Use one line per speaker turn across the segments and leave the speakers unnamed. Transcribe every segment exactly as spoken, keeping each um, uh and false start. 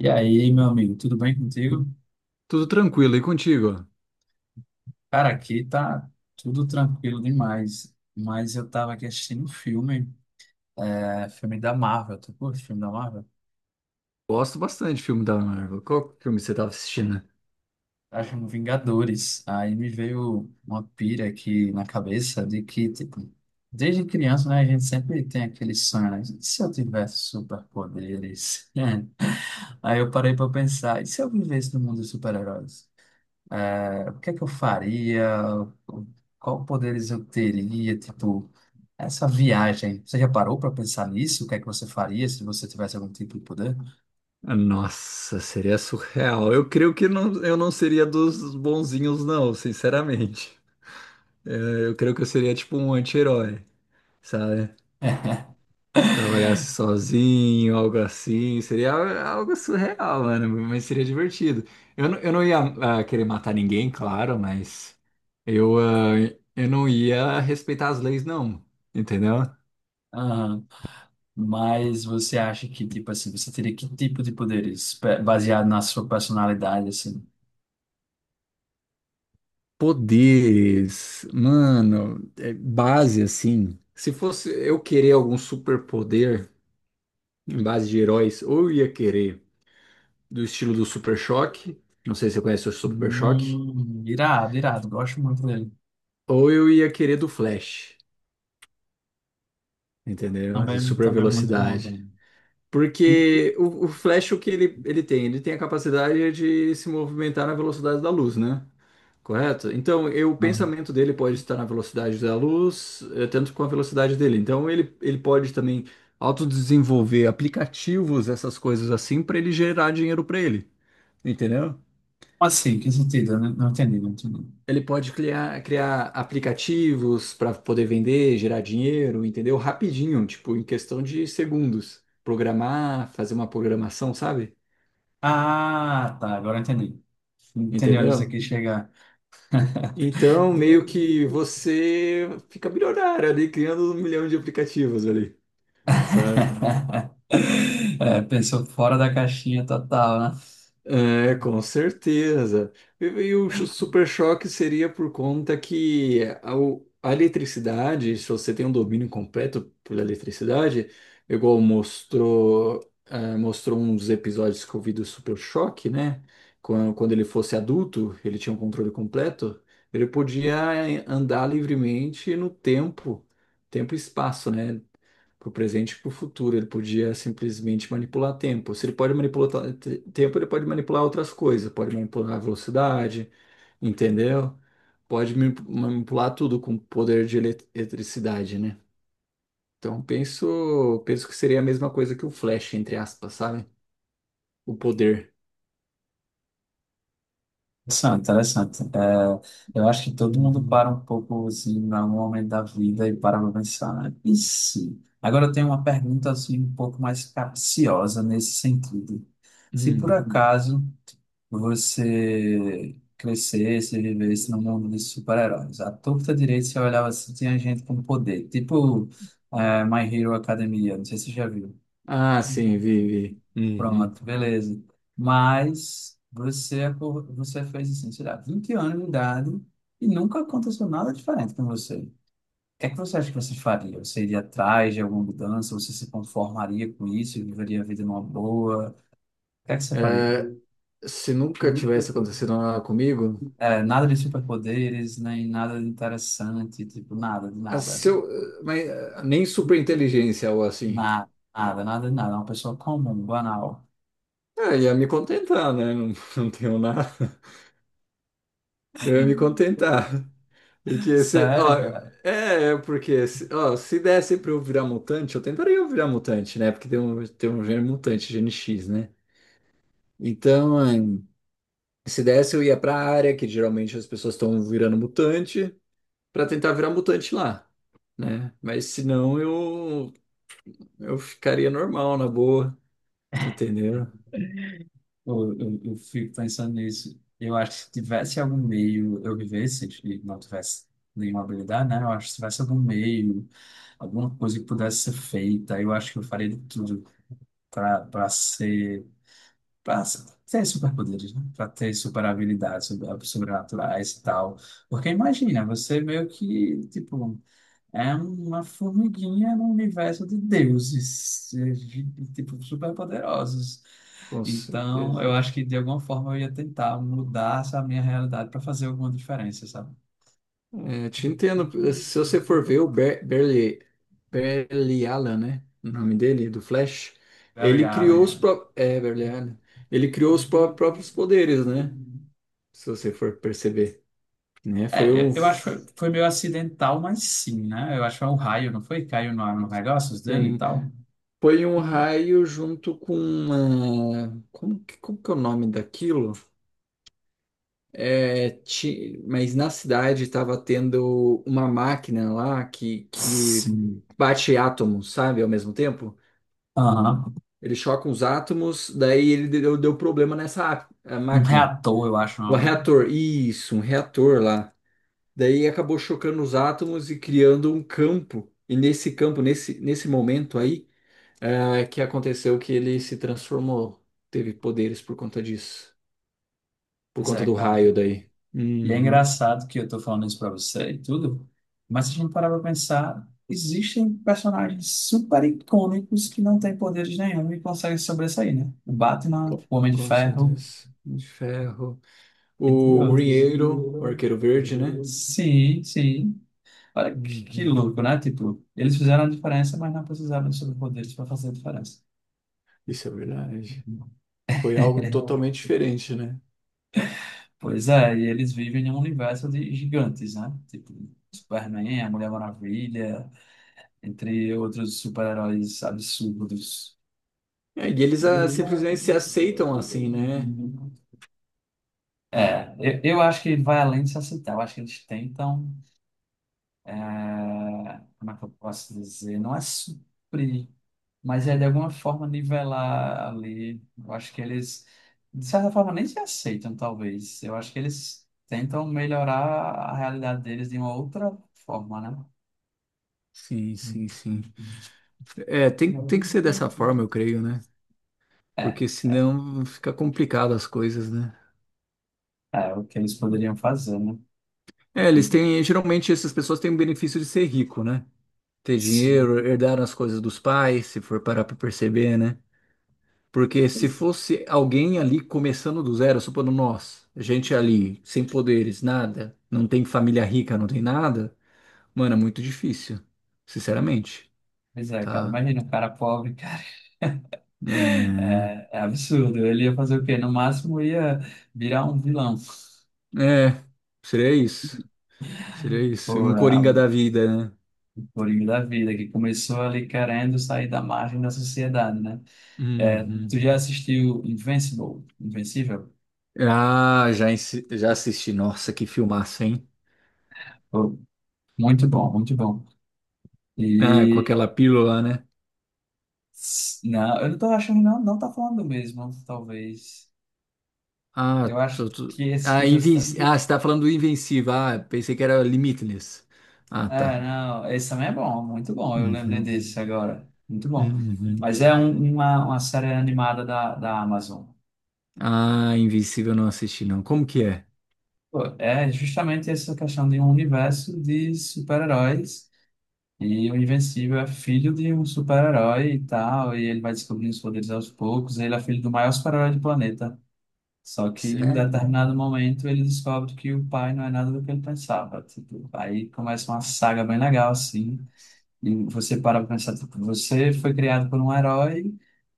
E aí, meu amigo, tudo bem contigo?
Tudo tranquilo, e contigo?
Cara, aqui tá tudo tranquilo demais, mas eu tava aqui assistindo um filme, é, filme da Marvel, tu curte filme da Marvel?
Gosto bastante de filme da Marvel. Qual filme você estava assistindo?
Tá chamando Vingadores, aí me veio uma pira aqui na cabeça de que, tipo, desde criança, né, a gente sempre tem aquele sonho, né? E se eu tivesse superpoderes? Aí eu parei pra pensar, e se eu vivesse no mundo dos super-heróis? É, o que é que eu faria? Qual poderes eu teria, tipo. Essa viagem, você já parou para pensar nisso? O que é que você faria se você tivesse algum tipo de poder?
Ah, Nossa, seria surreal. Eu creio que não, eu não seria dos bonzinhos, não, sinceramente. É, eu creio que eu seria tipo um anti-herói, sabe? Trabalhasse sozinho, algo assim. Seria algo surreal, mano, mas seria divertido. Eu não, eu não ia, ah, querer matar ninguém, claro, mas eu, ah, eu não ia respeitar as leis, não. Entendeu?
Aham. Mas você acha que, tipo assim, você teria que tipo de poderes Pe- baseado na sua personalidade, assim?
Poderes, mano, é base assim. Se fosse eu querer algum superpoder em base de heróis, ou eu ia querer do estilo do Super Choque, não sei se você conhece o Super Choque,
Hum, irado, irado, gosto muito dele.
ou eu ia querer do Flash, entendeu? De
Também,
super
também muito bom,
velocidade.
velho.
Porque o, o Flash, o que ele, ele tem? Ele tem a capacidade de se movimentar na velocidade da luz, né? Correto? Então, eu, o
Ah,
pensamento dele pode estar na velocidade da luz, eh, tanto com a velocidade dele. Então, ele, ele pode também autodesenvolver aplicativos, essas coisas assim, para ele gerar dinheiro para ele. Entendeu?
assim, que sentido? Eu Não, não entendi, não entendi.
Ele pode criar, criar aplicativos para poder vender, gerar dinheiro, entendeu? Rapidinho, tipo, em questão de segundos. Programar, fazer uma programação, sabe?
Ah, tá, agora eu entendi. Entendi onde você
Entendeu?
quis chegar.
Então, meio que você fica milionário ali, criando um milhão de aplicativos ali. Sabe?
É, pensou fora da caixinha total, né?
É, com certeza. E, e o cho- super choque seria por conta que a, o- a eletricidade, se você tem um domínio completo pela eletricidade, igual mostrou, ah, mostrou um dos episódios que eu vi do super choque, né? Quando, quando ele fosse adulto, ele tinha um controle completo, ele podia é, andar livremente no tempo, tempo e espaço, né? Para o presente e para o futuro. Ele podia simplesmente manipular tempo. Se ele pode manipular ta- te- tempo, ele pode manipular outras coisas. Pode manipular a velocidade, entendeu? Pode mani- manipular tudo com poder de elet- eletricidade, né? Então penso, penso que seria a mesma coisa que o Flash, entre aspas, sabe? O poder.
Interessante, interessante. É, eu acho que todo mundo
Uhum.
para um pouco assim, em algum momento da vida e para pra pensar, né? E se? Agora eu tenho uma pergunta assim, um pouco mais capciosa nesse sentido. Se por
Uhum.
acaso você crescesse, vivesse no mundo de super-heróis, à torta direita você olhava assim, tinha gente com poder, tipo é, My Hero Academia, não sei se você já viu.
Ah, sim, Vivi. Uhum.
Pronto, beleza. Mas você, acor- você fez assim, sei lá, vinte anos de idade e nunca aconteceu nada diferente com você. O que é que você acha que você faria? Você iria atrás de alguma mudança? Você se conformaria com isso? Viveria a vida numa boa? O que é que você faria?
Se nunca tivesse acontecido nada comigo,
É, nada de superpoderes, nem nada de interessante, tipo, nada, de
ah,
nada.
se mas ah, nem super inteligência ou assim.
Nada, nada, nada, de nada. É. Uma pessoa comum, banal.
Ah, ia me contentar, né? Não, não tenho nada. Eu ia me contentar. Porque se, ó,
Sério,
é, é porque se, ó, se desse pra eu virar mutante, eu tentaria eu virar mutante, né? Porque tem um, tem um gene mutante, gene X, né? Então, ahn, se desse, eu ia pra área, que geralmente as pessoas estão virando mutante, pra tentar virar mutante lá, né? Mas se não, eu, eu ficaria normal, na boa, entendeu?
Eu, eu, eu fico pensando nisso. Eu acho que se tivesse algum meio, eu vivesse e não tivesse nenhuma habilidade, né? Eu acho que se tivesse algum meio, alguma coisa que pudesse ser feita, eu acho que eu faria de tudo para para ser para ter superpoderes, né? Para ter super habilidades sobre- sobrenaturais e tal. Porque imagina, você meio que tipo é uma formiguinha no universo de deuses, eh, de- tipo, super poderosos.
Com
Então, eu
certeza.
acho que de alguma forma eu ia tentar mudar essa minha realidade para fazer alguma diferença, sabe?
É, te entendo. Eh, Se você for ver o Ber Berli, Berliala, né? O nome dele, do Flash,
Barry
ele criou os
Allen.
pró é, Berliala. Ele criou os pró- próprios poderes, né? Se você for perceber, né?
É,
Foi
É,
um
eu eu acho que foi, foi meio acidental, mas sim, né? Eu acho que foi um raio, não foi? Caiu no, no negócios dele e
tem,
tal.
foi um raio junto com uma, como que, como que é o nome daquilo? É, ti- mas na cidade estava tendo uma máquina lá que, que
Sim.
bate átomos, sabe, ao mesmo tempo.
Aham.
Ele choca uns átomos, daí ele deu, deu problema nessa á- a
Um
máquina.
reator, eu acho o
O
nome, né?
reator, isso, um reator lá. Daí acabou chocando os átomos e criando um campo. E nesse campo, nesse, nesse momento aí, é, que aconteceu que ele se transformou. Teve poderes por conta disso. Por
Pois
conta
é,
do
cara.
raio daí.
E é
Uhum.
engraçado que eu tô falando isso pra você e tudo, mas se a gente parar pra pensar, existem personagens super icônicos que não têm poderes nenhum e conseguem sobressair, né? O Batman,
Com,
o Homem de
com
Ferro,
certeza. De ferro.
entre
O
outros.
Green Arrow, o Arqueiro Verde, né?
Sim, sim. Olha que, que
Uhum.
louco, né? Tipo, eles fizeram a diferença, mas não precisavam de superpoderes para fazer a diferença.
Isso é verdade. Foi algo totalmente diferente, né?
Pois é, e eles vivem em um universo de gigantes, né? Tipo, Superman, a Mulher Maravilha, entre outros super-heróis absurdos.
É, e eles ah, simplesmente se aceitam assim, né?
É, eu, eu acho que vai além de se aceitar. Eu acho que eles tentam. é, como é que eu posso dizer? Não é suprir, mas é de alguma forma nivelar ali. Eu acho que eles, de certa forma, nem se aceitam, talvez. Eu acho que eles tentam melhorar a realidade deles de uma outra forma, né?
Sim, sim, sim. É, tem, tem que ser dessa forma, eu creio, né?
É, é
Porque
é,
senão fica complicado as coisas, né?
é o que eles poderiam fazer, né?
É, eles têm, geralmente essas pessoas têm o benefício de ser rico, né? Ter
Sim.
dinheiro, herdar as coisas dos pais, se for parar pra perceber, né? Porque se
Pois
fosse alguém ali começando do zero, supondo nós, gente ali, sem poderes, nada, não tem família rica, não tem nada, mano, é muito difícil, sinceramente,
é, cara.
tá?
Imagina um cara pobre, cara.
É.
É, é absurdo. Ele ia fazer o quê? No máximo ia virar um vilão.
É, seria isso. Seria isso.
Pô,
Um
a
Coringa da vida, né?
Coringa da Vida, que começou ali querendo sair da margem da sociedade, né? É,
Uhum.
tu já assistiu Invincible? Invencível?
Ah, já, insi- já assisti. Nossa, que filmaço, hein?
Pô, muito bom, muito bom.
Ah, com
E
aquela pílula, né?
s- não, eu não tô achando, não, não tá falando do mesmo, talvez.
Ah,
Eu
tô,
acho
tô-
que esse
Ah,
que tu está.
Invenci- ah, você tá falando do Invencível. Ah, pensei que era Limitless. Ah,
É,
tá.
não, esse também é bom, muito bom. Eu lembrei
Uhum.
desse agora. Muito bom.
Uhum.
Mas é um- uma, uma série animada da, da Amazon.
Ah, Invencível eu não assisti, não. Como que é?
Pô, é justamente essa questão de um universo de super-heróis. E o Invencível é filho de um super-herói e tal, e ele vai descobrindo os poderes aos poucos. Ele é filho do maior super-herói do planeta. Só que em um
Sério?
determinado momento ele descobre que o pai não é nada do que ele pensava. Tipo, aí começa uma saga bem legal, assim. E você para pra pensar, tipo, você foi criado por um herói,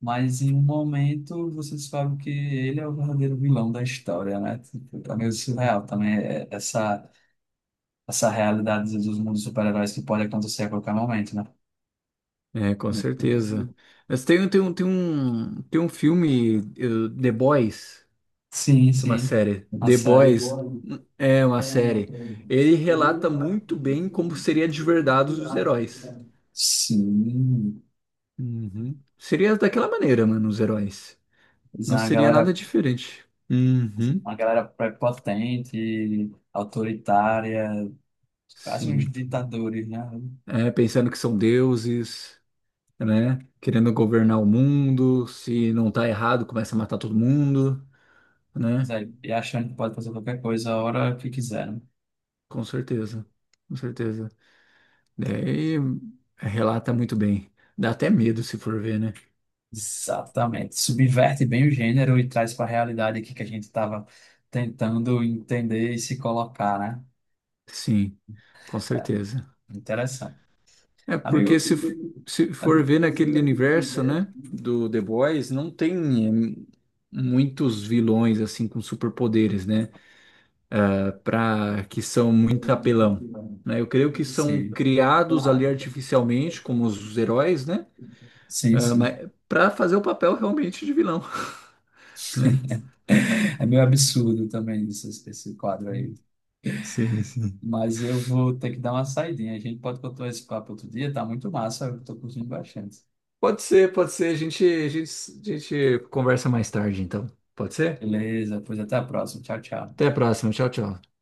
mas em um momento você descobre que ele é o verdadeiro vilão da história, né? Tipo, é meio
Uhum.
surreal também é- essa, essa realidade dos mundos super-heróis que pode acontecer a qualquer momento, né?
É, com certeza. Mas tem, tem, um, tem um, tem um filme, eh, The Boys.
Sim,
Tem uma
sim.
série.
A
The
série.
Boys é uma série. Ele relata muito bem como seria de verdade os heróis.
Sim.
Uhum. Seria daquela maneira, mano, os heróis.
Mas é
Não
uma
seria nada
galera,
diferente. Uhum.
uma galera prepotente, autoritária, quase uns
Sim.
ditadores, né?
É, pensando que são deuses, né? Querendo governar o mundo. Se não tá errado, começa a matar todo mundo,
Mas
né?
aí, e achando que pode fazer qualquer coisa a hora que quiser, né?
Com certeza. Com certeza. Daí relata muito bem. Dá até medo se for ver, né?
Exatamente. Subverte bem o gênero e traz para a realidade aqui que a gente estava tentando entender e se colocar, né?
Sim, com
É,
certeza.
interessante.
É porque
Amigo,
se, f- se for ver naquele universo, né, do The Boys, não tem eh, muitos vilões assim com superpoderes, né, para que são muito apelão, né? Eu creio que são
sim,
criados ali artificialmente como os heróis, né?
sim,
Ah,
sim.
mas para fazer o papel realmente de vilão, né?
É meio absurdo também isso, esse esse quadro aí.
Sim, sim.
Mas eu vou ter que dar uma saidinha. A gente pode continuar esse papo outro dia, tá muito massa, eu tô curtindo bastante.
Pode ser, pode ser. A gente, a gente, a gente conversa mais tarde, então. Pode ser?
Beleza, pois até a próxima. Tchau, tchau.
Até a próxima. Tchau, tchau.